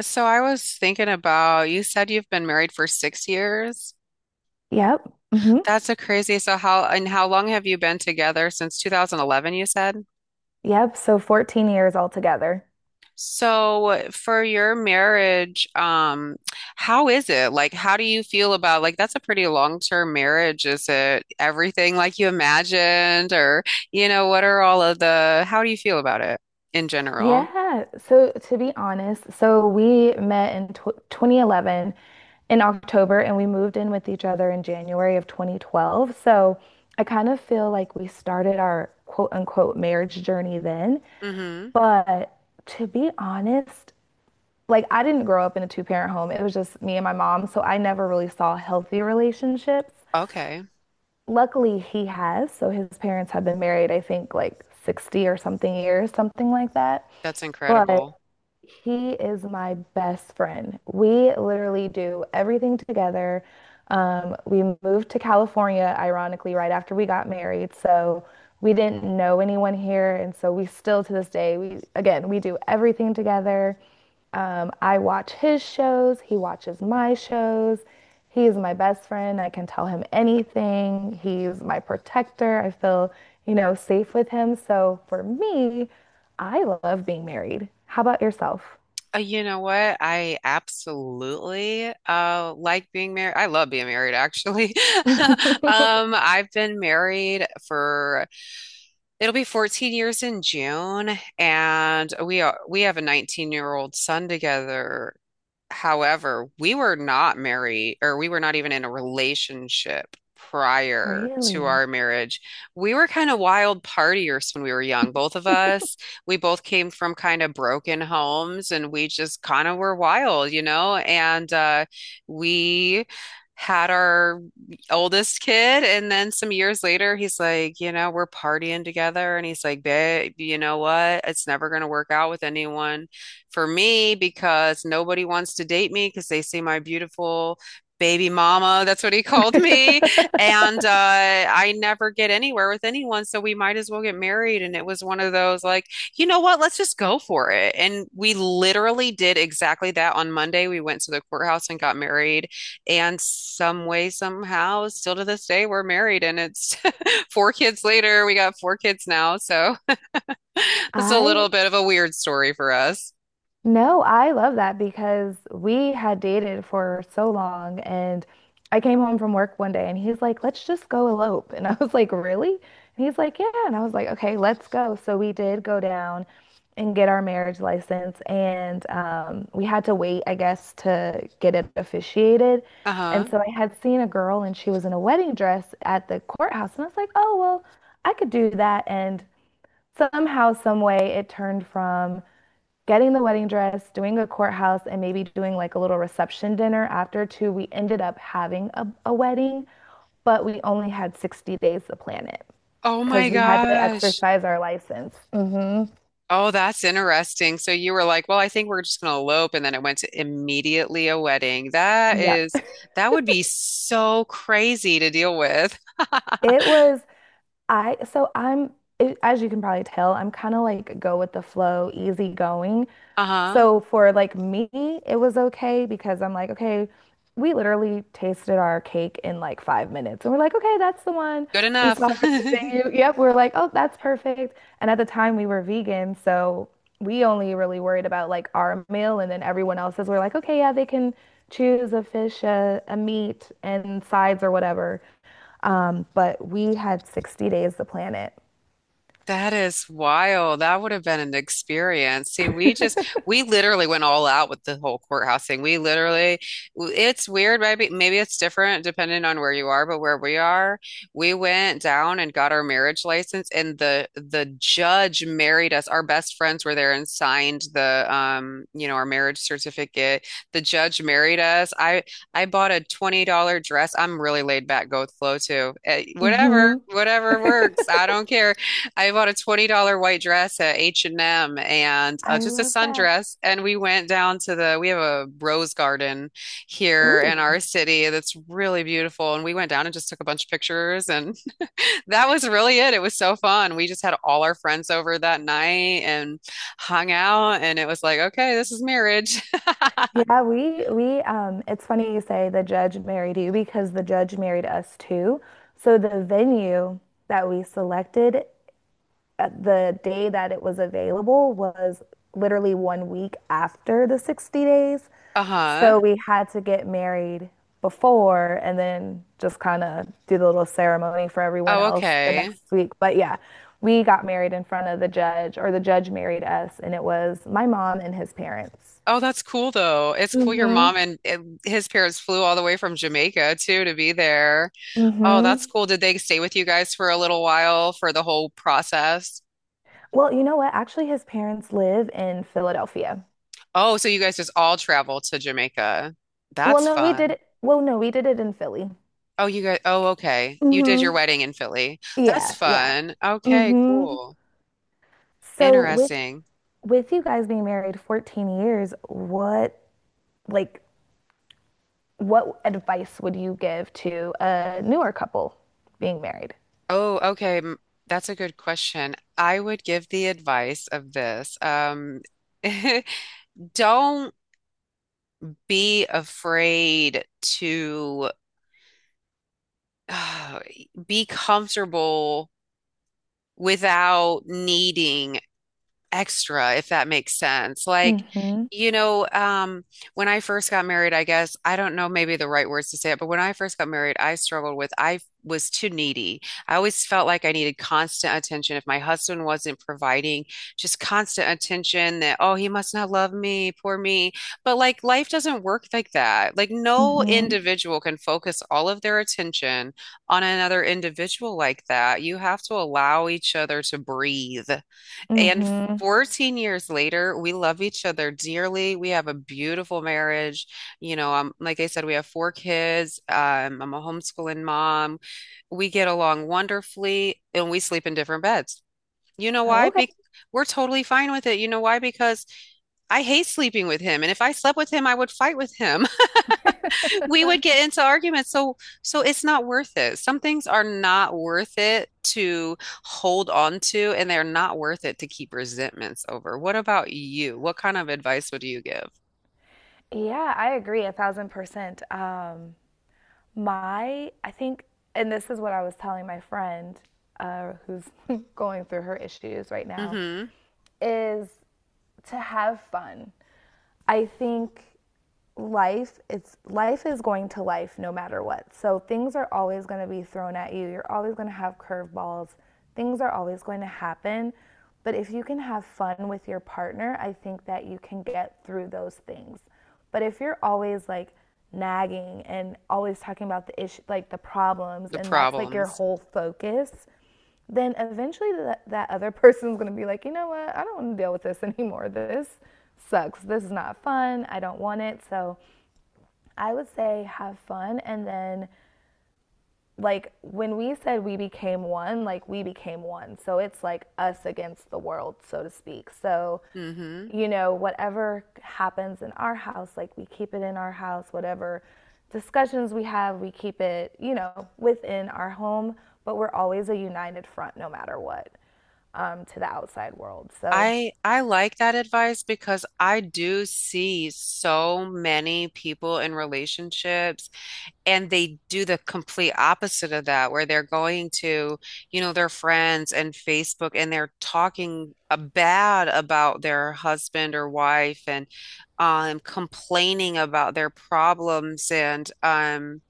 So I was thinking about, you said you've been married for 6 years. Yep. Hmm. That's a crazy. So how and how long have you been together since 2011, you said? Yep. So 14 years altogether. So for your marriage, how is it? Like, how do you feel about like that's a pretty long-term marriage. Is it everything like you imagined? What are all of the how do you feel about it in general? Yeah. So to be honest, we met in tw 2011 in October, and we moved in with each other in January of 2012. So I kind of feel like we started our quote unquote marriage journey then. Mm-hmm. But to be honest, like I didn't grow up in a two-parent home. It was just me and my mom, so I never really saw healthy relationships. Okay. Luckily, he has. So his parents have been married, I think, like 60 or something years, something like that. That's But incredible. he is my best friend. We literally do everything together. We moved to California, ironically, right after we got married. So we didn't know anyone here. And so we still, to this day, we, again, we do everything together. I watch his shows, he watches my shows. He is my best friend. I can tell him anything. He's my protector. I feel safe with him. So for me, I love being married. How about yourself? You know what? I absolutely like being married. I love being married actually. I've been married for it'll be 14 years in June, and we have a 19-year-old son together. However, we were not married, or we were not even in a relationship prior to our Really? marriage. We were kind of wild partiers when we were young, both of us. We both came from kind of broken homes, and we just kind of were wild, you know? And we had our oldest kid. And then some years later, he's like, you know, we're partying together, and he's like, babe, you know what, it's never going to work out with anyone for me because nobody wants to date me because they see my beautiful baby mama. That's what he called me. And I never get anywhere with anyone. So we might as well get married. And it was one of those like, you know what? Let's just go for it. And we literally did exactly that on Monday. We went to the courthouse and got married. And some way, somehow, still to this day, we're married. And it's four kids later. We got four kids now. So it's a I little bit of a weird story for us. No, I love that because we had dated for so long, and I came home from work one day and he's like, "Let's just go elope." And I was like, "Really?" And he's like, "Yeah." And I was like, "Okay, let's go." So we did go down and get our marriage license, and we had to wait, I guess, to get it officiated. Uh-huh. And so I had seen a girl and she was in a wedding dress at the courthouse, and I was like, "Oh, well, I could do that." And somehow, some way, it turned from getting the wedding dress, doing a courthouse, and maybe doing like a little reception dinner after too. We ended up having a wedding, but we only had 60 days to plan it Oh my because we had to gosh. exercise our license. Hmm. Oh, that's interesting. So you were like, well, I think we're just going to elope. And then it went to immediately a wedding. That Yeah. is, that would be so crazy to deal with. It was, I, so I'm, it, as you can probably tell, I'm kind of like go with the flow, easy going. Uh-huh. So for like me, it was okay because I'm like, okay, we literally tasted our cake in like 5 minutes. And we're like, okay, that's the one. Good We enough. saw it at the venue. Yep, we are like, oh, that's perfect. And at the time we were vegan, so we only really worried about like our meal and then everyone else's. We're like, okay, yeah, they can choose a fish, a meat, and sides or whatever. But we had 60 days to plan it. That is wild. That would have been an experience. See, we just, we literally went all out with the whole courthouse thing. We literally, it's weird, maybe, maybe it's different depending on where you are, but where we are, we went down and got our marriage license, and the judge married us. Our best friends were there and signed the, you know, our marriage certificate. The judge married us. I bought a $20 dress. I'm really laid back, go with flow too. Eh, whatever, Hmm. whatever works. I don't care. I bought a $20 white dress at H&M and I just a love that. sundress. And we went down to the, we have a rose garden here in Ooh. our city that's really beautiful. And we went down and just took a bunch of pictures. And that was really it. It was so fun. We just had all our friends over that night and hung out. And it was like, okay, this is marriage. Yeah, we it's funny you say the judge married you because the judge married us too. So the venue that we selected at the day that it was available was literally one week after the 60 days. Uh-huh. So we had to get married before and then just kind of do the little ceremony for everyone Oh, else the okay. next week. But yeah, we got married in front of the judge, or the judge married us, and it was my mom and his parents. Oh, that's cool though. It's cool your Mhm. mom and his parents flew all the way from Jamaica too to be there. Oh, Hmm. that's cool. Did they stay with you guys for a little while for the whole process? Well, you know what? Actually, his parents live in Philadelphia. Oh, so you guys just all traveled to Jamaica. Well, That's no, we did fun. it. Well, no, we did it in Philly. Oh, you guys, oh, okay. You did your Hmm. wedding in Philly. That's Yeah, yeah. fun. Okay, Hmm. cool. So with Interesting. with you guys being married 14 years, like what advice would you give to a newer couple being married? Oh, okay. That's a good question. I would give the advice of this. Don't be afraid to uh, be comfortable without needing extra, if that makes sense. Like, Hmm. you know, um, when I first got married, I guess, I don't know maybe the right words to say it, but when I first got married, I struggled with, I was too needy. I always felt like I needed constant attention. If my husband wasn't providing just constant attention, that, oh, he must not love me, poor me. But like life doesn't work like that. Like no Hmm. individual can focus all of their attention on another individual like that. You have to allow each other to breathe. And Hmm. 14 years later, we love each other dearly. We have a beautiful marriage. Like I said, we have four kids. I'm a homeschooling mom. We get along wonderfully and we sleep in different beds. You know why? Okay. Be We're totally fine with it. You know why? Because I hate sleeping with him. And if I slept with him, I would fight with him. We would get into arguments. So it's not worth it. Some things are not worth it to hold on to, and they're not worth it to keep resentments over. What about you? What kind of advice would you give? Yeah, I agree 1,000%. My, I think, and this is what I was telling my friend, who's going through her issues right now, Mm-hmm. is to have fun. I think life is going to life no matter what. So things are always going to be thrown at you. You're always going to have curveballs. Things are always going to happen, but if you can have fun with your partner, I think that you can get through those things. But if you're always like nagging and always talking about the issue, like the problems, The and that's like your problems. whole focus, then eventually that other person's going to be like, you know what, I don't want to deal with this anymore. This sucks. This is not fun. I don't want it. So I would say have fun, and then like when we said we became one, like we became one. So it's like us against the world, so to speak. So Mm-hmm. Whatever happens in our house, like we keep it in our house, whatever discussions we have, we keep it within our home, but we're always a united front no matter what, to the outside world. So I like that advice because I do see so many people in relationships, and they do the complete opposite of that, where they're going to, you know, their friends and Facebook, and they're talking bad about their husband or wife and complaining about their problems. And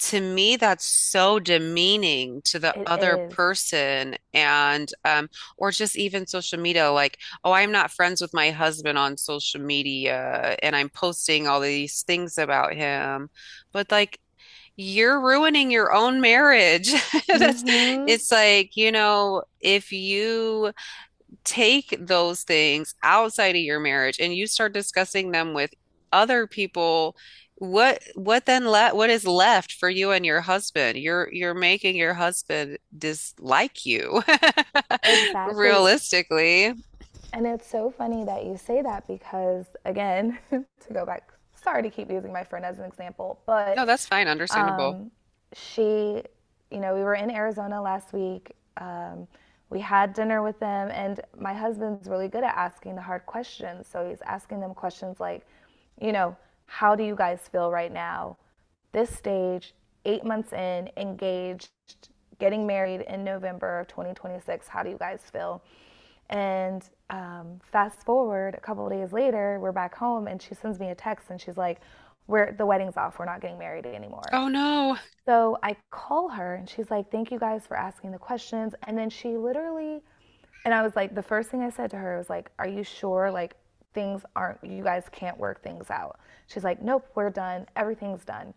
to me, that's so demeaning to the it other is. person. Or just even social media, like, oh, I'm not friends with my husband on social media and I'm posting all these things about him. But like, you're ruining your own marriage. That's, Mm-hmm. it's like, you know, if you take those things outside of your marriage and you start discussing them with other people, what then le what is left for you and your husband? You're making your husband dislike you. Exactly. Realistically. And it's so funny that you say that because, again, to go back, sorry to keep using my friend as an example. No, But that's fine, understandable. um, she, we were in Arizona last week. Um, we had dinner with them, and my husband's really good at asking the hard questions. So he's asking them questions like, you know, how do you guys feel right now? This stage, 8 months in, engaged, getting married in November of 2026. How do you guys feel? And fast forward a couple of days later, we're back home, and she sends me a text, and she's like, "We're the wedding's off. We're not getting married anymore." Oh no. So I call her and she's like, "Thank you guys for asking the questions." And then she literally— and I was like, the first thing I said to her was like, "Are you sure? Like, things aren't, you guys can't work things out." She's like, "Nope, we're done. Everything's done."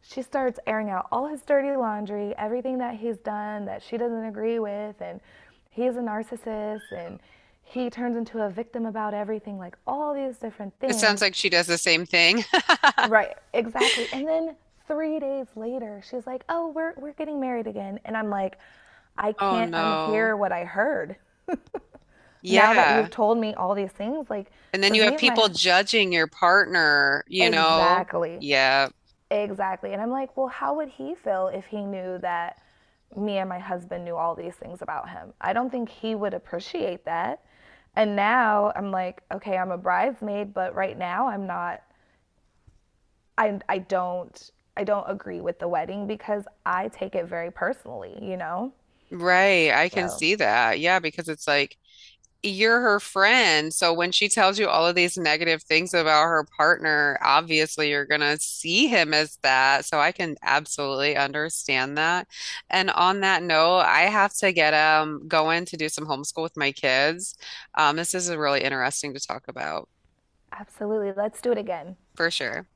She starts airing out all his dirty laundry, everything that he's done that she doesn't agree with. And he's a narcissist, and he turns into a victim about everything, like all these different It sounds things. like she does the same thing. Right, exactly. And then 3 days later, she's like, "Oh, we're getting married again," and I'm like, "I Oh can't no. unhear what I heard now that Yeah. you've told me all these things." Like, And then you because me have and people my judging your partner, you know? exactly, Yeah, exactly, and I'm like, "Well, how would he feel if he knew that me and my husband knew all these things about him?" I don't think he would appreciate that. And now I'm like, "Okay, I'm a bridesmaid, but right now I'm not." I I don't I don't agree with the wedding because I take it very personally, you know? right. I can So, see that. Yeah, because it's like you're her friend. So when she tells you all of these negative things about her partner, obviously you're going to see him as that. So I can absolutely understand that. And on that note, I have to get going to do some homeschool with my kids. This is really interesting to talk about absolutely, let's do it again. for sure.